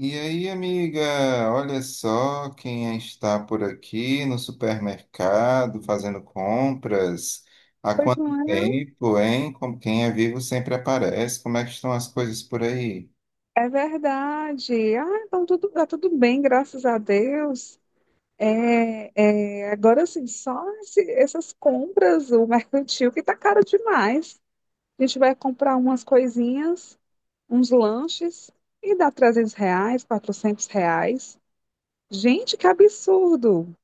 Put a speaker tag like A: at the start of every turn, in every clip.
A: E aí, amiga, olha só quem está por aqui no supermercado fazendo compras. Há
B: Pois
A: quanto
B: não é?
A: tempo, hein? Como quem é vivo sempre aparece. Como é que estão as coisas por aí?
B: É verdade. Ah, então tá tudo bem, graças a Deus. Agora, assim, só essas compras, o mercantil, que tá caro demais. A gente vai comprar umas coisinhas, uns lanches, e dá R$ 300, R$ 400. Gente, que absurdo!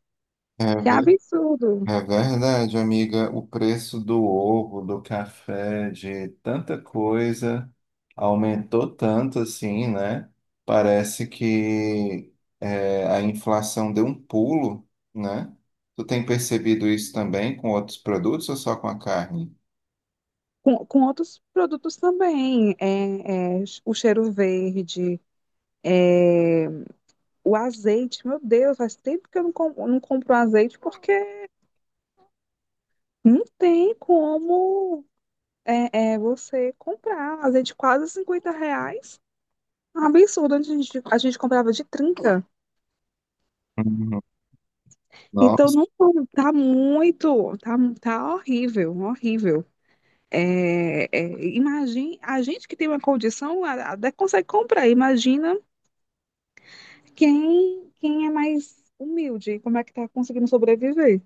A: É.
B: Que absurdo!
A: É verdade, amiga. O preço do ovo, do café, de tanta coisa aumentou tanto assim, né? Parece que a inflação deu um pulo, né? Tu tem percebido isso também com outros produtos ou só com a carne?
B: Com outros produtos também, o cheiro verde, o azeite. Meu Deus, faz tempo que eu não compro azeite, porque não tem como você comprar azeite de quase R$ 50. Um absurdo, antes a gente comprava de 30.
A: Uhum.
B: Então
A: Nossa.
B: não tá muito, tá horrível, horrível. É, é, imagine, a gente que tem uma condição até consegue comprar. Imagina quem é mais humilde, como é que tá conseguindo sobreviver.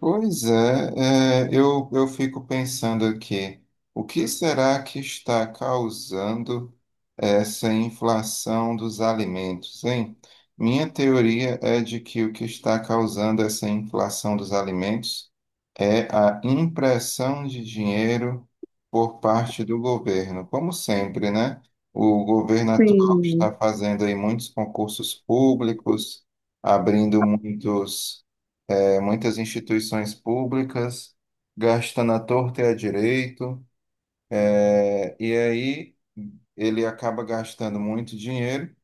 A: Pois é, eu fico pensando aqui, o que será que está causando essa inflação dos alimentos, hein? Minha teoria é de que o que está causando essa inflação dos alimentos é a impressão de dinheiro por parte do governo. Como sempre, né? O governo atual
B: Sim.
A: está fazendo aí muitos concursos públicos, abrindo muitos. É, muitas instituições públicas, gastam na torta e à direito, e aí ele acaba gastando muito dinheiro,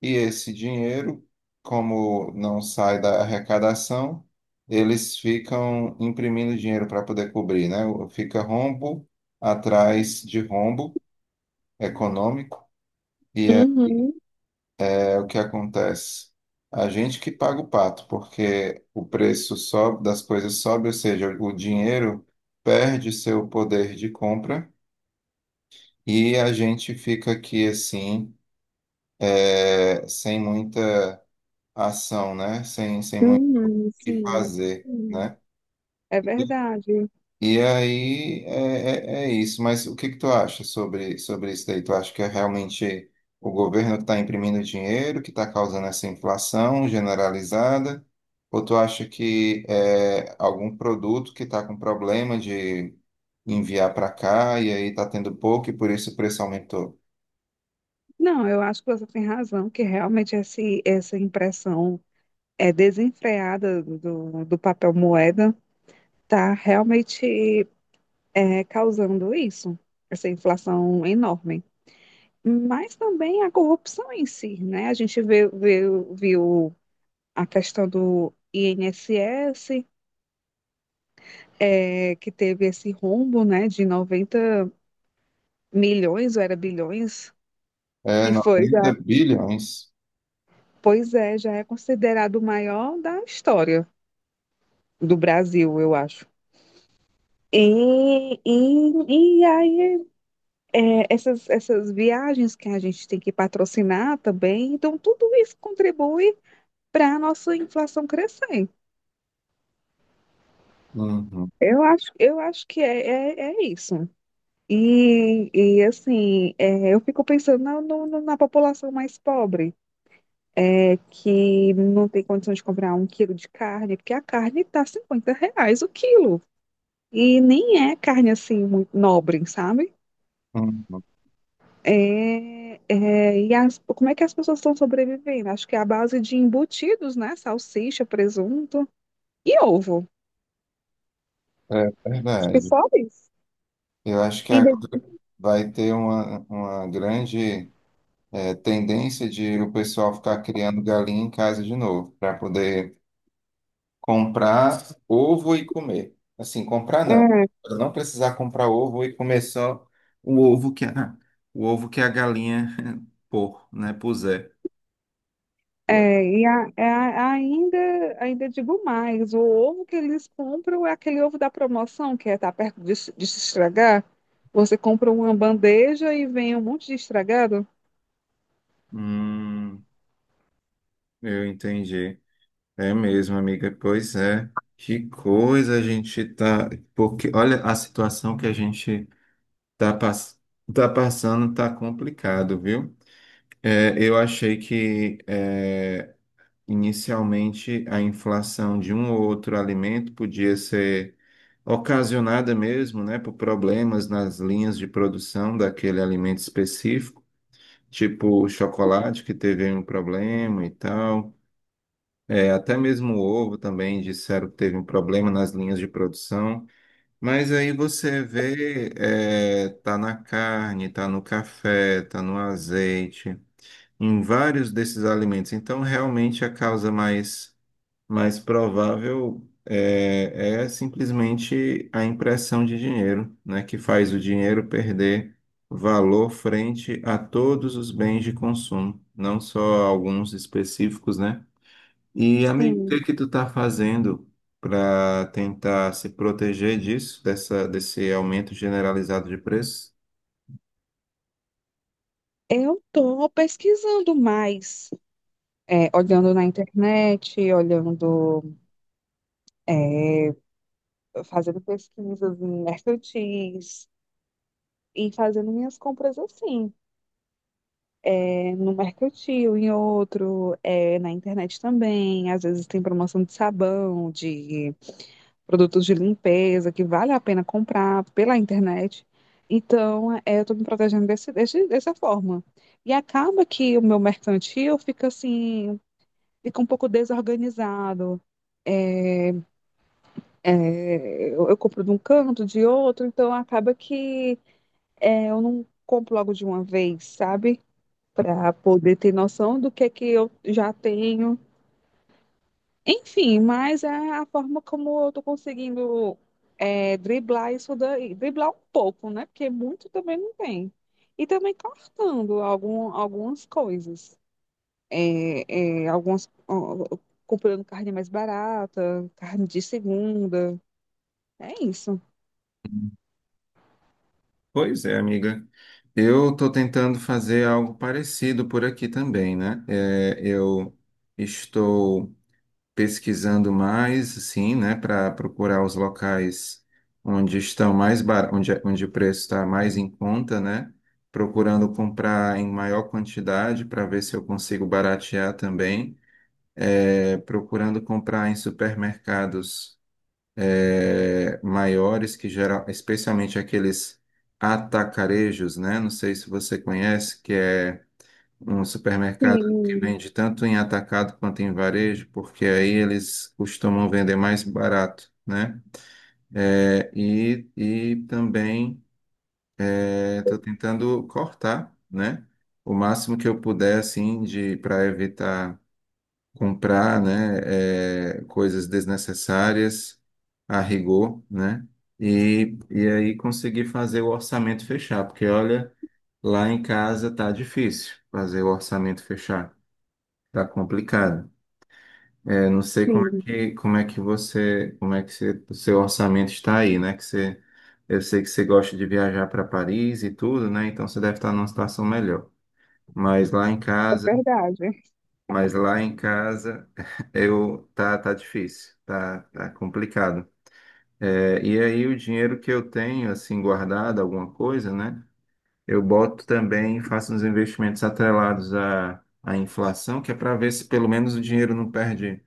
A: e esse dinheiro, como não sai da arrecadação, eles ficam imprimindo dinheiro para poder cobrir, né? Fica rombo atrás de rombo econômico, e
B: Uhum,
A: é o que acontece. A gente que paga o pato, porque o preço sobe, das coisas sobe, ou seja, o dinheiro perde seu poder de compra e a gente fica aqui assim, sem muita ação, né? Sem muito o
B: uhum,
A: que
B: sim.
A: fazer,
B: Sim.
A: né?
B: É verdade.
A: E aí é isso, mas o que que tu acha sobre isso daí? Tu acha que é realmente o governo que está imprimindo dinheiro, que está causando essa inflação generalizada? Ou tu acha que é algum produto que está com problema de enviar para cá e aí está tendo pouco e por isso o preço aumentou?
B: Não, eu acho que você tem razão, que realmente essa impressão é desenfreada do papel moeda está realmente causando isso, essa inflação enorme. Mas também a corrupção em si, né? A gente viu a questão do INSS, que teve esse rombo, né, de 90 milhões, ou era bilhões,
A: É
B: que foi já,
A: 90 bilhões?
B: pois é, já é considerado o maior da história do Brasil, eu acho. E aí, essas viagens que a gente tem que patrocinar também, então tudo isso contribui para a nossa inflação crescer.
A: Uhum,
B: Eu acho que é isso. E assim, eu fico pensando na, no- no- na população mais pobre, que não tem condição de comprar um quilo de carne, porque a carne tá R$ 50 o quilo. E nem é carne assim muito nobre, sabe?
A: uhum.
B: Como é que as pessoas estão sobrevivendo? Acho que é a base de embutidos, né? Salsicha, presunto e ovo.
A: É
B: Acho que
A: verdade.
B: só isso.
A: Eu acho que
B: Ainda,
A: agora vai ter uma grande tendência de o pessoal ficar criando galinha em casa de novo, para poder comprar ovo e comer. Assim, comprar não.
B: é,
A: Pra não precisar comprar ovo e comer só o ovo que a, o ovo que a galinha pôr, né, puser. Pô.
B: é, e a- é, a- Ainda digo mais, o ovo que eles compram é aquele ovo da promoção, que tá perto de se estragar. Você compra uma bandeja e vem um monte de estragado.
A: Hum, eu entendi. É mesmo, amiga. Pois é. Que coisa a gente tá. Porque olha a situação que a gente tá, tá passando, tá complicado, viu? Eu achei que inicialmente a inflação de um ou outro alimento podia ser ocasionada mesmo, né, por problemas nas linhas de produção daquele alimento específico, tipo o chocolate que teve um problema e tal. É, até mesmo o ovo também disseram que teve um problema nas linhas de produção. Mas aí você vê, tá na carne, tá no café, tá no azeite em vários desses alimentos. Então, realmente, mais provável é simplesmente a impressão de dinheiro, né, que faz o dinheiro perder valor frente a todos os bens de consumo, não só alguns específicos, né? E, amigo, o que
B: Sim,
A: que tu tá fazendo para tentar se proteger desse aumento generalizado de preços?
B: eu tô pesquisando mais, olhando na internet, olhando é, fazendo pesquisas em mercantis e fazendo minhas compras assim. No mercantil, em outro, na internet também. Às vezes tem promoção de sabão, de produtos de limpeza que vale a pena comprar pela internet. Então, eu estou me protegendo dessa forma. E acaba que o meu mercantil fica assim, fica um pouco desorganizado. É, eu compro de um canto, de outro, então acaba que eu não compro logo de uma vez, sabe? Para poder ter noção do que é que eu já tenho. Enfim, mas é a forma como eu tô conseguindo driblar isso daí. Driblar um pouco, né? Porque muito também não tem. E também cortando algumas coisas. Algumas, ó, comprando carne mais barata, carne de segunda. É isso.
A: Pois é, amiga. Eu estou tentando fazer algo parecido por aqui também, né? É, eu estou pesquisando mais, sim, né, para procurar os locais onde estão onde, onde o preço está mais em conta, né? Procurando comprar em maior quantidade para ver se eu consigo baratear também. É, procurando comprar em supermercados maiores que geral, especialmente aqueles atacarejos, né? Não sei se você conhece, que é um supermercado que
B: Sim,
A: vende tanto em atacado quanto em varejo, porque aí eles costumam vender mais barato, né? É, e também estou tentando cortar, né? O máximo que eu puder, assim, de para evitar comprar, né, coisas desnecessárias a rigor, né, e aí conseguir fazer o orçamento fechar, porque olha, lá em casa tá difícil fazer o orçamento fechar, tá complicado. É, não sei
B: sim,
A: como é que você, o seu orçamento está aí, né, que você, eu sei que você gosta de viajar para Paris e tudo, né, então você deve estar numa situação melhor. Mas lá em
B: é
A: casa
B: verdade.
A: Mas lá em casa eu tá tá difícil, tá, tá complicado. É, e aí o dinheiro que eu tenho assim guardado, alguma coisa, né? Eu boto também, faço uns investimentos atrelados à inflação, que é para ver se pelo menos o dinheiro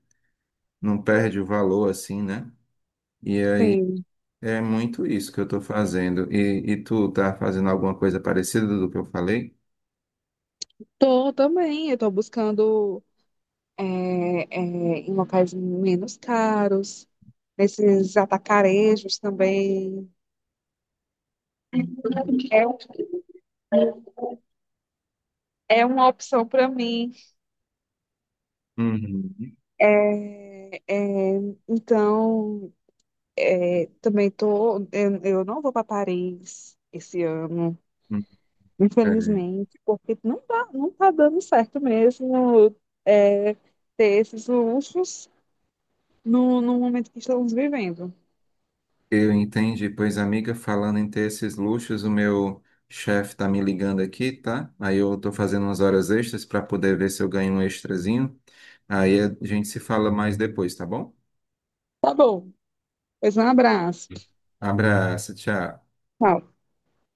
A: não perde o valor assim, né? E aí
B: Sim.
A: é muito isso que eu estou fazendo. E tu tá fazendo alguma coisa parecida do que eu falei?
B: Tô também, eu tô buscando é, em locais menos caros, nesses atacarejos também. É, um, é uma opção para mim.
A: Uhum.
B: É, é, então, também, eu não vou para Paris esse ano, infelizmente, porque não tá dando certo mesmo é, ter esses luxos no momento que estamos vivendo.
A: Eu entendi, pois amiga, falando em ter esses luxos, o meu chefe tá me ligando aqui, tá? Aí eu tô fazendo umas horas extras para poder ver se eu ganho um extrazinho. Aí a gente se fala mais depois, tá bom?
B: Tá bom, pois um abraço.
A: Abraço, tchau.
B: Tchau.